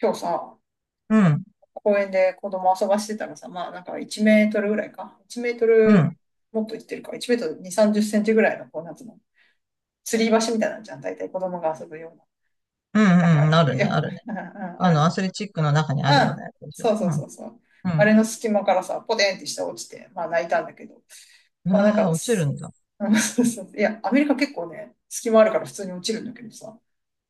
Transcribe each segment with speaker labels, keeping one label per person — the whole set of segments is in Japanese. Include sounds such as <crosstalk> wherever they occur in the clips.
Speaker 1: 今日さ、
Speaker 2: うん、
Speaker 1: 公園で子供遊ばしてたらさ、まあなんか1メートルぐらいか。1メート
Speaker 2: うん、う
Speaker 1: ル
Speaker 2: ん、
Speaker 1: もっといってるか。1メートル2、30センチぐらいの、こう、なんつうの、吊り橋みたいなんじゃん。大体子供が遊ぶよう
Speaker 2: う
Speaker 1: な。なん
Speaker 2: ん、あ
Speaker 1: か、
Speaker 2: るね、
Speaker 1: よ
Speaker 2: あ
Speaker 1: く、うん
Speaker 2: るね。
Speaker 1: うんあ
Speaker 2: あ
Speaker 1: る
Speaker 2: の、
Speaker 1: じ
Speaker 2: ア
Speaker 1: ゃん。
Speaker 2: スレチックの中にあるよう
Speaker 1: う
Speaker 2: な
Speaker 1: ん。
Speaker 2: やつでしょ。
Speaker 1: そうそ
Speaker 2: う
Speaker 1: う
Speaker 2: ん、
Speaker 1: そうそう。
Speaker 2: う
Speaker 1: あ
Speaker 2: ん。
Speaker 1: れの隙間からさ、ポテンって下落ちて、まあ泣いたんだけど。
Speaker 2: え
Speaker 1: まあなん
Speaker 2: ー、
Speaker 1: か、
Speaker 2: 落ちるんだ。
Speaker 1: うん、そうそう、いや、アメリカ結構ね、隙間あるから普通に落ちるんだけどさ。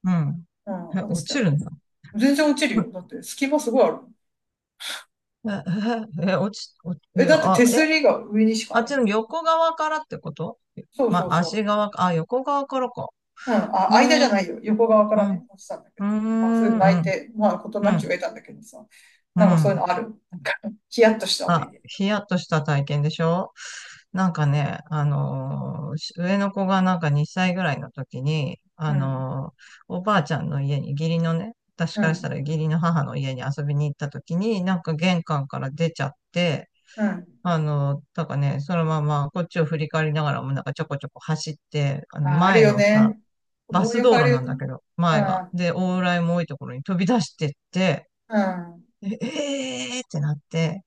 Speaker 2: うん。
Speaker 1: うん、
Speaker 2: え、
Speaker 1: 落
Speaker 2: 落
Speaker 1: ちた。
Speaker 2: ちるんだ。
Speaker 1: 全然落ちるよ。だっ
Speaker 2: <laughs>
Speaker 1: て隙間すごいある。
Speaker 2: え、え、え、落ち、落ち、
Speaker 1: え、
Speaker 2: え、
Speaker 1: だって
Speaker 2: あ、
Speaker 1: 手
Speaker 2: え、
Speaker 1: すりが上にしか
Speaker 2: あっ
Speaker 1: ない
Speaker 2: ち
Speaker 1: んだ
Speaker 2: の
Speaker 1: よ。
Speaker 2: 横側からってこと、
Speaker 1: そうそう
Speaker 2: ま、足
Speaker 1: そ
Speaker 2: 側か、あ、横側からか。
Speaker 1: う。うん、あ、
Speaker 2: う
Speaker 1: 間じゃ
Speaker 2: ー
Speaker 1: な
Speaker 2: ん、
Speaker 1: いよ。横側か
Speaker 2: う
Speaker 1: ら
Speaker 2: ん、う
Speaker 1: ね、落ちたんだけ
Speaker 2: ー
Speaker 1: ど。まあ、それで
Speaker 2: ん、う
Speaker 1: 泣い
Speaker 2: ん、
Speaker 1: て、まあ、事
Speaker 2: う
Speaker 1: なき
Speaker 2: ん、
Speaker 1: を得たんだけどさ。
Speaker 2: う
Speaker 1: なんかそういう
Speaker 2: ん。
Speaker 1: のある。なんか、<laughs> ヒヤッとした思
Speaker 2: あ、
Speaker 1: い出。
Speaker 2: ヒヤッとした体験でしょ。なんかね、上の子がなんか2歳ぐらいの時に、
Speaker 1: うん、
Speaker 2: おばあちゃんの家に、義理のね、私
Speaker 1: う
Speaker 2: からしたら
Speaker 1: ん、
Speaker 2: 義理の母の家に遊びに行った時に、なんか玄関から出ちゃって、
Speaker 1: うん。
Speaker 2: だからね、そのままこっちを振り返りながらもなんかちょこちょこ走って、あの
Speaker 1: あ、ある
Speaker 2: 前
Speaker 1: よ
Speaker 2: のさ、
Speaker 1: ね。子
Speaker 2: バ
Speaker 1: 供
Speaker 2: ス
Speaker 1: よく
Speaker 2: 道
Speaker 1: あ
Speaker 2: 路
Speaker 1: る
Speaker 2: なん
Speaker 1: よ
Speaker 2: だ
Speaker 1: ね。
Speaker 2: けど、
Speaker 1: う
Speaker 2: 前が。
Speaker 1: ん、
Speaker 2: で、往来も多いところに飛び出してって、
Speaker 1: うん。
Speaker 2: ええーってなって、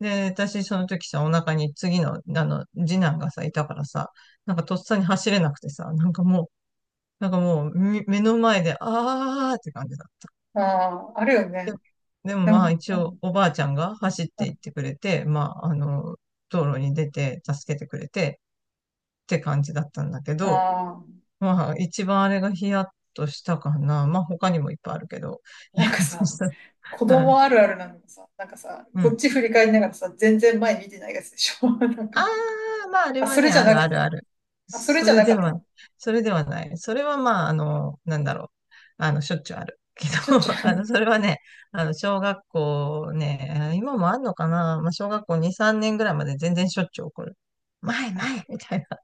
Speaker 2: で、私、その時さ、お腹に次の、あの、次男がさ、いたからさ、なんかとっさに走れなくてさ、なんかもう、なんかもう、み目の前で、あーって感じだった。
Speaker 1: あ、あるよ
Speaker 2: で、
Speaker 1: ね。
Speaker 2: でも
Speaker 1: う
Speaker 2: まあ、
Speaker 1: ん、
Speaker 2: 一
Speaker 1: う
Speaker 2: 応、
Speaker 1: ん、
Speaker 2: おばあちゃんが走っ
Speaker 1: う
Speaker 2: て行
Speaker 1: ん。
Speaker 2: ってくれて、まあ、あの、道路に出て、助けてくれて、って感じだったんだけど、
Speaker 1: ああ、
Speaker 2: まあ、一番あれがヒヤッとしたかな。まあ、他にもいっぱいあるけど、ヒ
Speaker 1: な
Speaker 2: ヤ
Speaker 1: んか
Speaker 2: ッと
Speaker 1: さ、
Speaker 2: した。
Speaker 1: 子
Speaker 2: うん。
Speaker 1: 供あるあるなのがさ、なんかさ、
Speaker 2: う
Speaker 1: こっ
Speaker 2: ん。
Speaker 1: ち振り返りながらさ、全然前見てないやつでしょ。<laughs> なん
Speaker 2: あ
Speaker 1: か、
Speaker 2: あ、まあ、あれ
Speaker 1: あ、
Speaker 2: は
Speaker 1: それ
Speaker 2: ね、
Speaker 1: じゃ
Speaker 2: あ
Speaker 1: な
Speaker 2: る
Speaker 1: く
Speaker 2: ある
Speaker 1: て。
Speaker 2: ある。
Speaker 1: あ、それ
Speaker 2: そ
Speaker 1: じゃ
Speaker 2: れ
Speaker 1: なか
Speaker 2: で
Speaker 1: った
Speaker 2: は、
Speaker 1: の。
Speaker 2: それではない。それはまあ、あの、なんだろう。あの、しょっちゅうある。<laughs> け
Speaker 1: しょっち
Speaker 2: ど、<laughs>
Speaker 1: ゅ
Speaker 2: あの、
Speaker 1: う。
Speaker 2: それはね、あの、小学校ね、今もあんのかな。まあ、小学校2、3年ぐらいまで全然しょっちゅう起こる。前、前みたいな。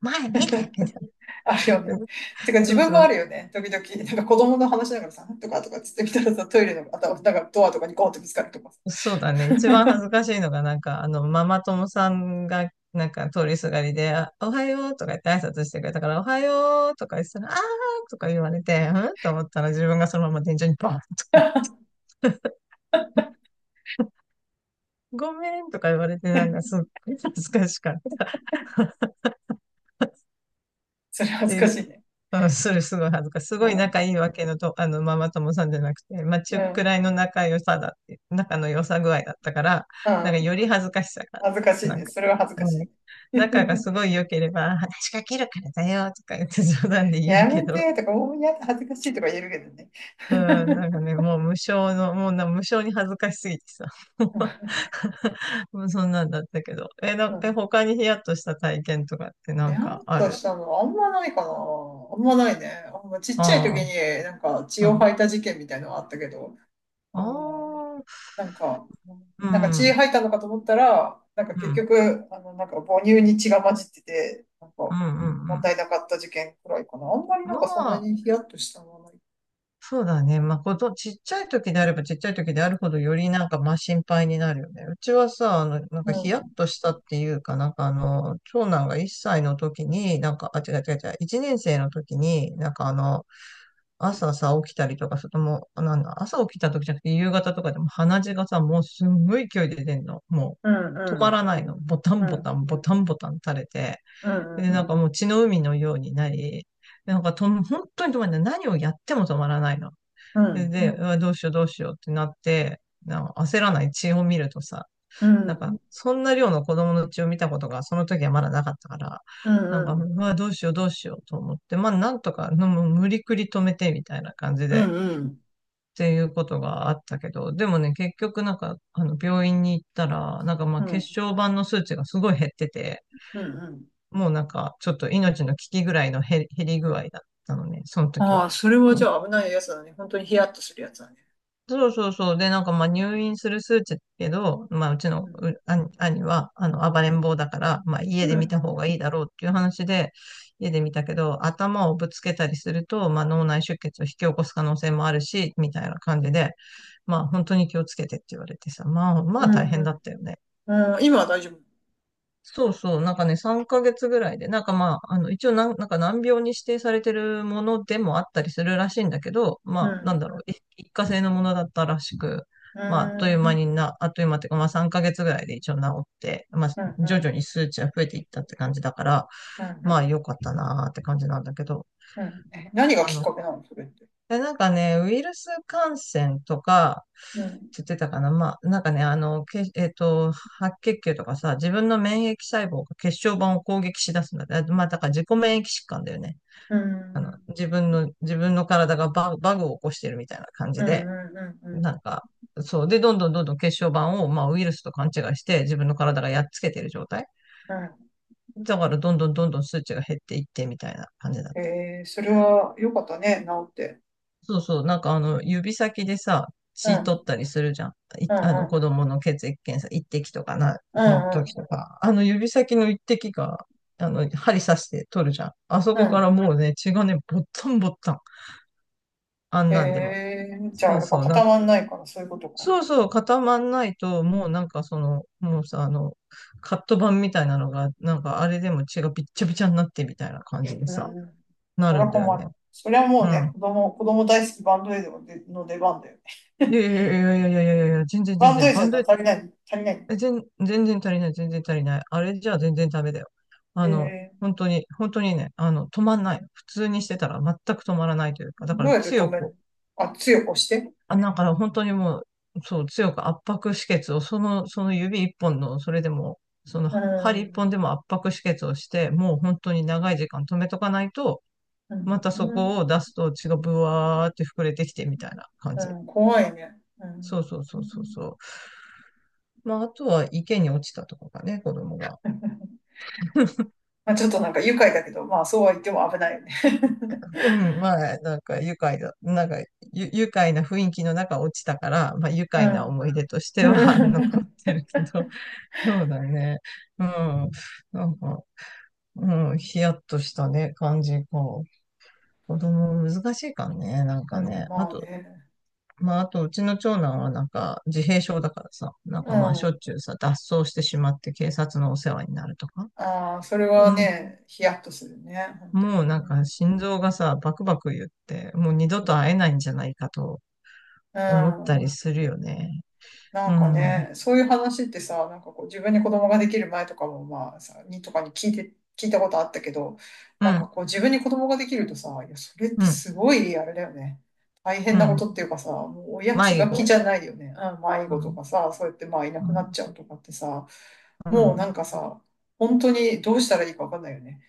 Speaker 2: 前、見てみた
Speaker 1: あるよ
Speaker 2: いな。
Speaker 1: ね。
Speaker 2: <laughs>
Speaker 1: てか自
Speaker 2: そう
Speaker 1: 分
Speaker 2: そ
Speaker 1: も
Speaker 2: う、
Speaker 1: あるよね。時々、なんか子供の話しながらさ、とかとかっつってみたらさ、トイレの、あと、なんかドアとかにゴーンってぶつかるとかさ。
Speaker 2: そうだね。一番恥
Speaker 1: <laughs>
Speaker 2: ずかしいのが、なんか、あの、ママ友さんが、なんか、通りすがりで、あおはようとか言って挨拶してくれたから、おはようとか言ってたら、あーとか言われて、うんと思ったら自分がそのまま天井にバーンとか、ごめんとか言われて、なんか、すっごい恥ずかしかったっ
Speaker 1: それ恥
Speaker 2: て
Speaker 1: ず
Speaker 2: い
Speaker 1: かし
Speaker 2: う。
Speaker 1: いね。
Speaker 2: うん、する、すごい恥ずかしい。す
Speaker 1: う
Speaker 2: ごい仲
Speaker 1: ん。
Speaker 2: いいわけのと、あの、ママ友さんじゃなくて、まあ、
Speaker 1: う
Speaker 2: 中く
Speaker 1: ん。
Speaker 2: らいの仲良さだって、仲の良さ具合だったから、
Speaker 1: う
Speaker 2: なんか
Speaker 1: ん。
Speaker 2: より恥ずかしさがあ
Speaker 1: 恥ず
Speaker 2: っ
Speaker 1: かし
Speaker 2: た。
Speaker 1: い
Speaker 2: なん
Speaker 1: ね。
Speaker 2: か、
Speaker 1: それは恥ずかし
Speaker 2: う
Speaker 1: い
Speaker 2: ん、仲が
Speaker 1: ね。
Speaker 2: すごい良ければ、話しかけるからだよ、とか言って冗談で
Speaker 1: <laughs>
Speaker 2: 言える
Speaker 1: や
Speaker 2: け
Speaker 1: め
Speaker 2: ど、
Speaker 1: てとか、おーやだ、恥ずかしいとか言えるけどね。
Speaker 2: うん、なんかね、もう無償の、もうな、無償に恥ずかしすぎてさ、もう
Speaker 1: <laughs>
Speaker 2: <laughs> もうそんなんだったけど。え、な、
Speaker 1: う
Speaker 2: え、
Speaker 1: ん。
Speaker 2: 他にヒヤッとした体験とかってな
Speaker 1: に
Speaker 2: ん
Speaker 1: ゃ
Speaker 2: か
Speaker 1: ん
Speaker 2: あ
Speaker 1: と
Speaker 2: る？
Speaker 1: したの、あんまないかな。あんまないね。あんまちっちゃい時
Speaker 2: あ
Speaker 1: になんか血
Speaker 2: あ、う
Speaker 1: を
Speaker 2: ん。
Speaker 1: 吐いた事件みたいなのはあったけど。う
Speaker 2: あ
Speaker 1: ん、
Speaker 2: あ、
Speaker 1: なんか、
Speaker 2: う
Speaker 1: なんか血
Speaker 2: ん、
Speaker 1: 入ったのかと思ったら、なんか
Speaker 2: う
Speaker 1: 結
Speaker 2: ん。
Speaker 1: 局、あの、なんか母乳に血が混じってて、なんか、
Speaker 2: うん
Speaker 1: も
Speaker 2: う
Speaker 1: っ
Speaker 2: ん
Speaker 1: たいなかった事件くらいかな。あんまり
Speaker 2: うん。
Speaker 1: なん
Speaker 2: ま
Speaker 1: かそんな
Speaker 2: あ、
Speaker 1: にヒヤッとしたのはない。
Speaker 2: そうだね。まあ、こと、ちっちゃい時であればちっちゃい時であるほどよりなんかまあ心配になるよね。うちはさ、あの、なん
Speaker 1: う
Speaker 2: かヒヤッ
Speaker 1: ん。
Speaker 2: としたっていうかなんかあの、長男が1歳の時に、なんか、あ、違う違う違う、1年生の時に、なんかあの、朝さ、起きたりとか、それとも、なんだ、朝起きた時じゃなくて夕方とかでも鼻血がさ、もうすんごい勢いで出んの。も
Speaker 1: うん、う
Speaker 2: う、止ま
Speaker 1: ん、
Speaker 2: らないの。ボタン
Speaker 1: う
Speaker 2: ボタ
Speaker 1: ん、
Speaker 2: ン、ボタンボタン垂れて。
Speaker 1: う
Speaker 2: で、なん
Speaker 1: ん、
Speaker 2: かもう血の海のようになり、なんかと、本当に止まらない。何をやっても止まらないの。
Speaker 1: うん、う
Speaker 2: で、
Speaker 1: ん、
Speaker 2: でうわどうしようどうしようってなって、なんか焦らない血を見るとさ、
Speaker 1: う
Speaker 2: なんか、
Speaker 1: ん、
Speaker 2: そんな量の子供の血を見たことが、その時はまだなかったから、
Speaker 1: うん、
Speaker 2: なんか、
Speaker 1: うん、
Speaker 2: うわ、どうしようどうしようと思って、まあ、なんとか、のもう無理くり止めてみたいな感じで、
Speaker 1: う
Speaker 2: っ
Speaker 1: ん、うん、
Speaker 2: ていうことがあったけど、でもね、結局なんか、あの、病院に行ったら、なんかま
Speaker 1: う
Speaker 2: あ、
Speaker 1: ん、う
Speaker 2: 血
Speaker 1: ん。
Speaker 2: 小板の数値がすごい減ってて、
Speaker 1: うん、
Speaker 2: もうなんか、ちょっと命の危機ぐらいの減り減り具合だったのね、その時
Speaker 1: あ
Speaker 2: は。
Speaker 1: あ、それは
Speaker 2: う
Speaker 1: じ
Speaker 2: ん、
Speaker 1: ゃあ危ないやつだね。本当にヒヤッとするやつだね。
Speaker 2: そうそうそう。で、なんかまあ入院する数値だけど、まあうち
Speaker 1: う
Speaker 2: の
Speaker 1: ん、
Speaker 2: う兄兄は、あの、暴れん坊だから、まあ
Speaker 1: う
Speaker 2: 家で見た
Speaker 1: ん、
Speaker 2: 方がいいだろうっていう話で、家で見たけど、頭をぶつけたりすると、まあ脳内出血を引き起こす可能性もあるし、みたいな感じで、まあ本当に気をつけてって言われてさ、まあ
Speaker 1: う
Speaker 2: まあ
Speaker 1: ん、
Speaker 2: 大変だ
Speaker 1: う
Speaker 2: ったよね。
Speaker 1: ん。うん、今は大丈夫。
Speaker 2: そうそう、なんかね、3ヶ月ぐらいで、なんかまあ、あの、一応なん、なんか難病に指定されてるものでもあったりするらしいんだけど、
Speaker 1: う
Speaker 2: まあ、なん
Speaker 1: ん、
Speaker 2: だろう、い一過性のものだったらしく、
Speaker 1: うん、
Speaker 2: まあ、あっとい
Speaker 1: う
Speaker 2: う間に
Speaker 1: ん、
Speaker 2: な、あっという間っていうか、まあ3ヶ月ぐらいで一応治って、まあ、
Speaker 1: う
Speaker 2: 徐
Speaker 1: ん、
Speaker 2: 々に数値は増えていったって感じだから、
Speaker 1: うん、
Speaker 2: ま
Speaker 1: う
Speaker 2: あ、良
Speaker 1: ん。
Speaker 2: かったなーって感じなんだけど、
Speaker 1: うん。え、何が
Speaker 2: あ
Speaker 1: きっ
Speaker 2: の、
Speaker 1: かけなのそれって。
Speaker 2: で、なんかね、ウイルス感染とか、
Speaker 1: うん。
Speaker 2: って言ってたかな。まあ、なんかね、あの、け、白血球とかさ、自分の免疫細胞が血小板を攻撃し出すんだって。あまあ、だから自己免疫疾患だよね。
Speaker 1: う
Speaker 2: あの、
Speaker 1: ん。
Speaker 2: 自分の、自分の体がバグ、バグを起こしてるみたいな感
Speaker 1: う
Speaker 2: じ
Speaker 1: んう
Speaker 2: で、
Speaker 1: んうんう
Speaker 2: な
Speaker 1: ん
Speaker 2: んか、そう。で、どんどんどんどん血小板を、まあ、ウイルスと勘違いして、自分の体がやっつけてる状態。
Speaker 1: うん。
Speaker 2: だから、どんどんどんどん数値が減っていって、みたいな感じだった。
Speaker 1: えー、それは良かったね、治って。
Speaker 2: そうそう、なんかあの、指先でさ、
Speaker 1: う
Speaker 2: 血取っ
Speaker 1: ん。
Speaker 2: たりするじゃん。い
Speaker 1: うん
Speaker 2: あの、
Speaker 1: うん。
Speaker 2: 子供の血液検査、一滴とかな、
Speaker 1: う
Speaker 2: の
Speaker 1: んう
Speaker 2: 時
Speaker 1: ん。
Speaker 2: とか、あの指先の一滴が、あの、針刺して取るじゃん。あそ
Speaker 1: う
Speaker 2: こから
Speaker 1: ん、
Speaker 2: もうね、血がね、ぼったんぼったん。あんなんでも。
Speaker 1: へ、じゃあ
Speaker 2: そう
Speaker 1: やっぱ
Speaker 2: そう、なん、
Speaker 1: 固まんないからそういうことか。
Speaker 2: そうそう、固まんないと、もうなんかその、もうさ、あの、カット板みたいなのが、なんかあれでも血がびっちゃびちゃになってみたいな感じで
Speaker 1: うんう
Speaker 2: さ、
Speaker 1: ん。
Speaker 2: な
Speaker 1: それ
Speaker 2: る
Speaker 1: は
Speaker 2: んだよ
Speaker 1: 困る。
Speaker 2: ね。
Speaker 1: それはも
Speaker 2: う
Speaker 1: うね、
Speaker 2: ん。
Speaker 1: 子供、子供大好きバンドエイドの出番だよ
Speaker 2: い
Speaker 1: ね。
Speaker 2: やいやいやいやいやいやいや、全
Speaker 1: <laughs>
Speaker 2: 然全
Speaker 1: バンドエ
Speaker 2: 然、
Speaker 1: イ
Speaker 2: バ
Speaker 1: ド
Speaker 2: ン
Speaker 1: じ
Speaker 2: ドエ
Speaker 1: ゃ
Speaker 2: ッ、
Speaker 1: 足りない、足りない。
Speaker 2: え、全、全然足りない、全然足りない。あれじゃ全然ダメだよ。あの、
Speaker 1: え
Speaker 2: 本当に、本当にね、あの、止まんない。普通にしてたら全く止まらないというか、だ
Speaker 1: ー、
Speaker 2: か
Speaker 1: どう
Speaker 2: ら
Speaker 1: やって止
Speaker 2: 強
Speaker 1: める
Speaker 2: く、
Speaker 1: の？あ、強く押して。
Speaker 2: あ、だから本当にもう、そう、強く圧迫止血を、その、その指一本の、それでも、その
Speaker 1: う
Speaker 2: 針一
Speaker 1: ん。
Speaker 2: 本でも圧迫止血をして、もう本当に長い時間止めとかないと、
Speaker 1: う
Speaker 2: またそ
Speaker 1: ん。
Speaker 2: こを出すと血がブワーって膨れてきてみたいな感
Speaker 1: う
Speaker 2: じ。
Speaker 1: ん、怖いね。う
Speaker 2: そう
Speaker 1: ん。
Speaker 2: そう
Speaker 1: う
Speaker 2: そう
Speaker 1: ん、
Speaker 2: そうそう。まあ、あとは池に落ちたとかかね、子供が。
Speaker 1: まあ、ちょっとなんか愉快だけど、まあそうは言っても危ないよね。
Speaker 2: うん、まあ、なんか愉快だ、なんかゆ愉快な雰囲気の中落ちたから、まあ愉
Speaker 1: <laughs> う
Speaker 2: 快な
Speaker 1: ん。
Speaker 2: 思い出としては <laughs> 残っ
Speaker 1: <laughs>
Speaker 2: てるけど、<laughs> そうだね。うん、なんか、うん、ヒヤッとしたね、感じか。子供難しいからね、なん
Speaker 1: う
Speaker 2: か
Speaker 1: ん、
Speaker 2: ね。あ
Speaker 1: まあ
Speaker 2: と、
Speaker 1: ね。
Speaker 2: まあ、あと、うちの長男はなんか自閉症だからさ、なんか
Speaker 1: う
Speaker 2: まあしょ
Speaker 1: ん。
Speaker 2: っちゅうさ、脱走してしまって警察のお世話になるとか。
Speaker 1: ああ、それ
Speaker 2: う
Speaker 1: は
Speaker 2: ん、
Speaker 1: ね、ヒヤッとするね。本当
Speaker 2: もう
Speaker 1: に
Speaker 2: なん
Speaker 1: ね。
Speaker 2: か心臓がさ、バクバク言って、もう二度と会えないんじゃないかと
Speaker 1: う
Speaker 2: 思っ
Speaker 1: ん。う
Speaker 2: たり
Speaker 1: ん、
Speaker 2: するよね。
Speaker 1: な
Speaker 2: う
Speaker 1: んか
Speaker 2: ん、うん、
Speaker 1: ね、そういう話ってさ、なんかこう自分に子供ができる前とかもまあさ、にとかに聞いて、聞いたことあったけど、なんかこう自分に子供ができるとさ、いや、それって
Speaker 2: うん、
Speaker 1: すごいあれだよね。大変
Speaker 2: う
Speaker 1: なこ
Speaker 2: ん。
Speaker 1: とっていうかさ、もう親気
Speaker 2: 迷
Speaker 1: が気じ
Speaker 2: 子、
Speaker 1: ゃないよね。うん、迷
Speaker 2: う
Speaker 1: 子と
Speaker 2: ん、
Speaker 1: かさ、そうやってまあいな
Speaker 2: う
Speaker 1: くなっ
Speaker 2: ん、
Speaker 1: ちゃうとかってさ、
Speaker 2: う
Speaker 1: もうな
Speaker 2: ん。
Speaker 1: んかさ、本当にどうしたらいいかわかんないよね。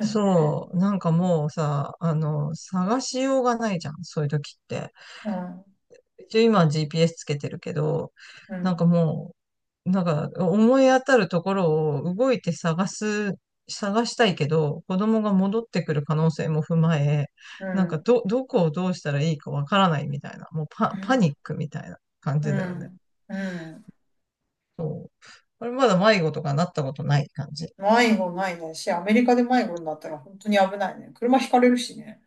Speaker 2: そう、なんかもうさ、あの、探しようがないじゃん、そういう時って。
Speaker 1: うん、
Speaker 2: 一応今 GPS つけてるけど、
Speaker 1: う
Speaker 2: なんか
Speaker 1: ん、
Speaker 2: もう、なんか思い当たるところを動いて探す、探したいけど、子供が戻ってくる可能性も踏まえ、
Speaker 1: う
Speaker 2: なんか
Speaker 1: ん、
Speaker 2: ど、どこをどうしたらいいかわからないみたいな、もうパ、
Speaker 1: う
Speaker 2: パ
Speaker 1: ん、
Speaker 2: ニックみたいな感
Speaker 1: う
Speaker 2: じだよね。
Speaker 1: ん。うん、
Speaker 2: そう。あれまだ迷子とかなったことない感じ？
Speaker 1: 迷子ないね。し、アメリカで迷子になったら本当に危ないね。車ひかれるしね。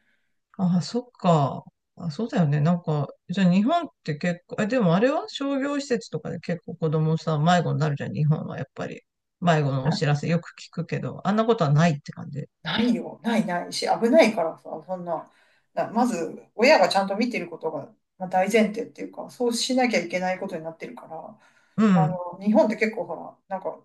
Speaker 2: ああ、そっか。あ、そうだよね。なんか、じゃあ日本って結構、え、でもあれは商業施設とかで結構子供さ、迷子になるじゃん、日本はやっぱり。迷子のお知らせよく聞くけど、あんなことはないって感じ？
Speaker 1: ないよ。ないないし、危ないからさ、そんな、まず、親がちゃんと見てることが、まあ、大前提っていうか、そうしなきゃいけないことになってるから、
Speaker 2: う
Speaker 1: あ
Speaker 2: ん、
Speaker 1: の、日本って結構ほら、なんか、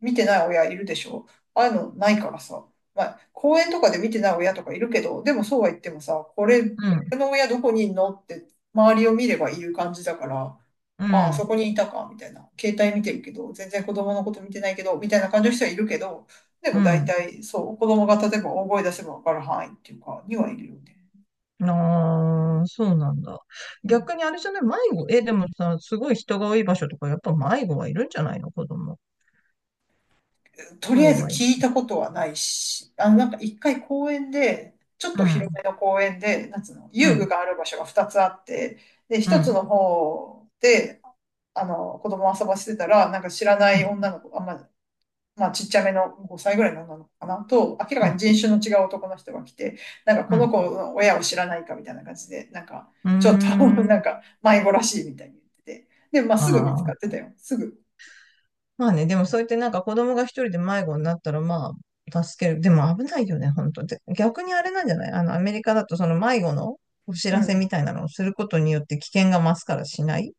Speaker 1: 見てない親いるでしょ、ああいうのないからさ。まあ、公園とかで見てない親とかいるけど、でもそうは言ってもさ、これ、こ
Speaker 2: うん、
Speaker 1: の親どこにいんのって周りを見ればいる感じだから、
Speaker 2: う
Speaker 1: ああ、そ
Speaker 2: ん、
Speaker 1: こにいたか、みたいな。携帯見てるけど、全然子供のこと見てないけど、みたいな感じの人はいるけど、で
Speaker 2: う
Speaker 1: も大
Speaker 2: ん。
Speaker 1: 体そう、子供が例えば大声出せばわかる範囲っていうか、にはいるよね。
Speaker 2: ああ、そうなんだ。
Speaker 1: うん、
Speaker 2: 逆にあれじゃない、迷子、え、でもさ、すごい人が多い場所とか、やっぱ迷子はいるんじゃないの、子供。
Speaker 1: と
Speaker 2: そ
Speaker 1: りあえ
Speaker 2: う
Speaker 1: ず
Speaker 2: はい。う
Speaker 1: 聞いたことはないし、あの、なんか一回公園で、ちょっと広
Speaker 2: ん、
Speaker 1: めの公園で、なんつうの、
Speaker 2: う
Speaker 1: 遊具
Speaker 2: ん、
Speaker 1: がある場所が2つあって、で、
Speaker 2: う
Speaker 1: 1つ
Speaker 2: ん、
Speaker 1: の方で、あの、子供を遊ばせてたら、なんか知らな
Speaker 2: う
Speaker 1: い
Speaker 2: ん、
Speaker 1: 女の子、あんま、まあちっちゃめの5歳ぐらいの女の子かなと、明
Speaker 2: う
Speaker 1: らかに
Speaker 2: ん、
Speaker 1: 人種の違う男の人が来て、なんか
Speaker 2: う
Speaker 1: この
Speaker 2: ん。
Speaker 1: 子の親を知らないかみたいな感じで、なんか、
Speaker 2: うー
Speaker 1: ちょっと <laughs> な
Speaker 2: ん。
Speaker 1: んか迷子らしいみたいに言ってて。で、まあ
Speaker 2: あ
Speaker 1: すぐ見つか
Speaker 2: あ。
Speaker 1: ってたよ。すぐ。
Speaker 2: まあね、でもそうやってなんか子供が一人で迷子になったらまあ、助ける。でも危ないよね、本当で、逆にあれなんじゃない、あの、アメリカだとその迷子のお知
Speaker 1: う
Speaker 2: らせみ
Speaker 1: ん。
Speaker 2: たいなのをすることによって危険が増すからしない。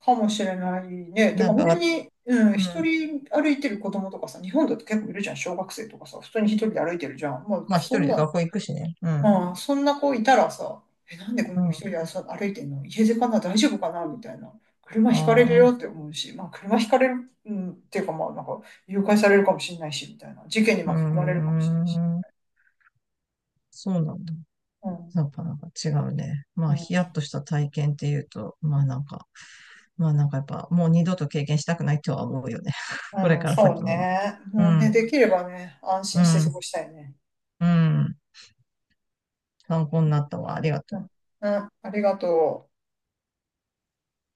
Speaker 1: かもしれないね。て
Speaker 2: な
Speaker 1: か
Speaker 2: ん
Speaker 1: 本当
Speaker 2: か、
Speaker 1: に、うん、
Speaker 2: う
Speaker 1: 一
Speaker 2: ん。
Speaker 1: 人歩いてる子供とかさ、日本だと結構いるじゃん、小学生とかさ、普通に一人で歩いてるじゃん。まあ、
Speaker 2: まあ一
Speaker 1: そ
Speaker 2: 人
Speaker 1: ん
Speaker 2: で
Speaker 1: な、
Speaker 2: 学校行くしね。うん。
Speaker 1: うん、そんな子いたらさ、え、なんでこ
Speaker 2: う
Speaker 1: の子
Speaker 2: ん。
Speaker 1: 一人でさ歩いてんの？家出かな？大丈夫かな？みたいな。車
Speaker 2: あ
Speaker 1: ひかれるよって
Speaker 2: あ。
Speaker 1: 思うし、まあ、車ひかれる、うん、っていうか、まあ、なんか、誘拐されるかもしれないし、みたいな。事件に
Speaker 2: う
Speaker 1: 巻き込まれる
Speaker 2: ー
Speaker 1: かもしれないし。
Speaker 2: ん。そうなんだ。
Speaker 1: うん、
Speaker 2: やっぱなんか違うね。ま
Speaker 1: う
Speaker 2: あ、
Speaker 1: ん、
Speaker 2: ヒヤッとした体験っていうと、まあなんか、まあなんかやっぱもう二度と経験したくないとは思うよね。<laughs> これ
Speaker 1: うん、
Speaker 2: から
Speaker 1: そう
Speaker 2: 先もね。
Speaker 1: ね。
Speaker 2: う
Speaker 1: もうね、
Speaker 2: ん、
Speaker 1: できればね、安
Speaker 2: う
Speaker 1: 心して過
Speaker 2: ん、
Speaker 1: ごしたいね。
Speaker 2: うん。参考になったわ。ありがと
Speaker 1: う
Speaker 2: う。
Speaker 1: ん、うん、ありがとう。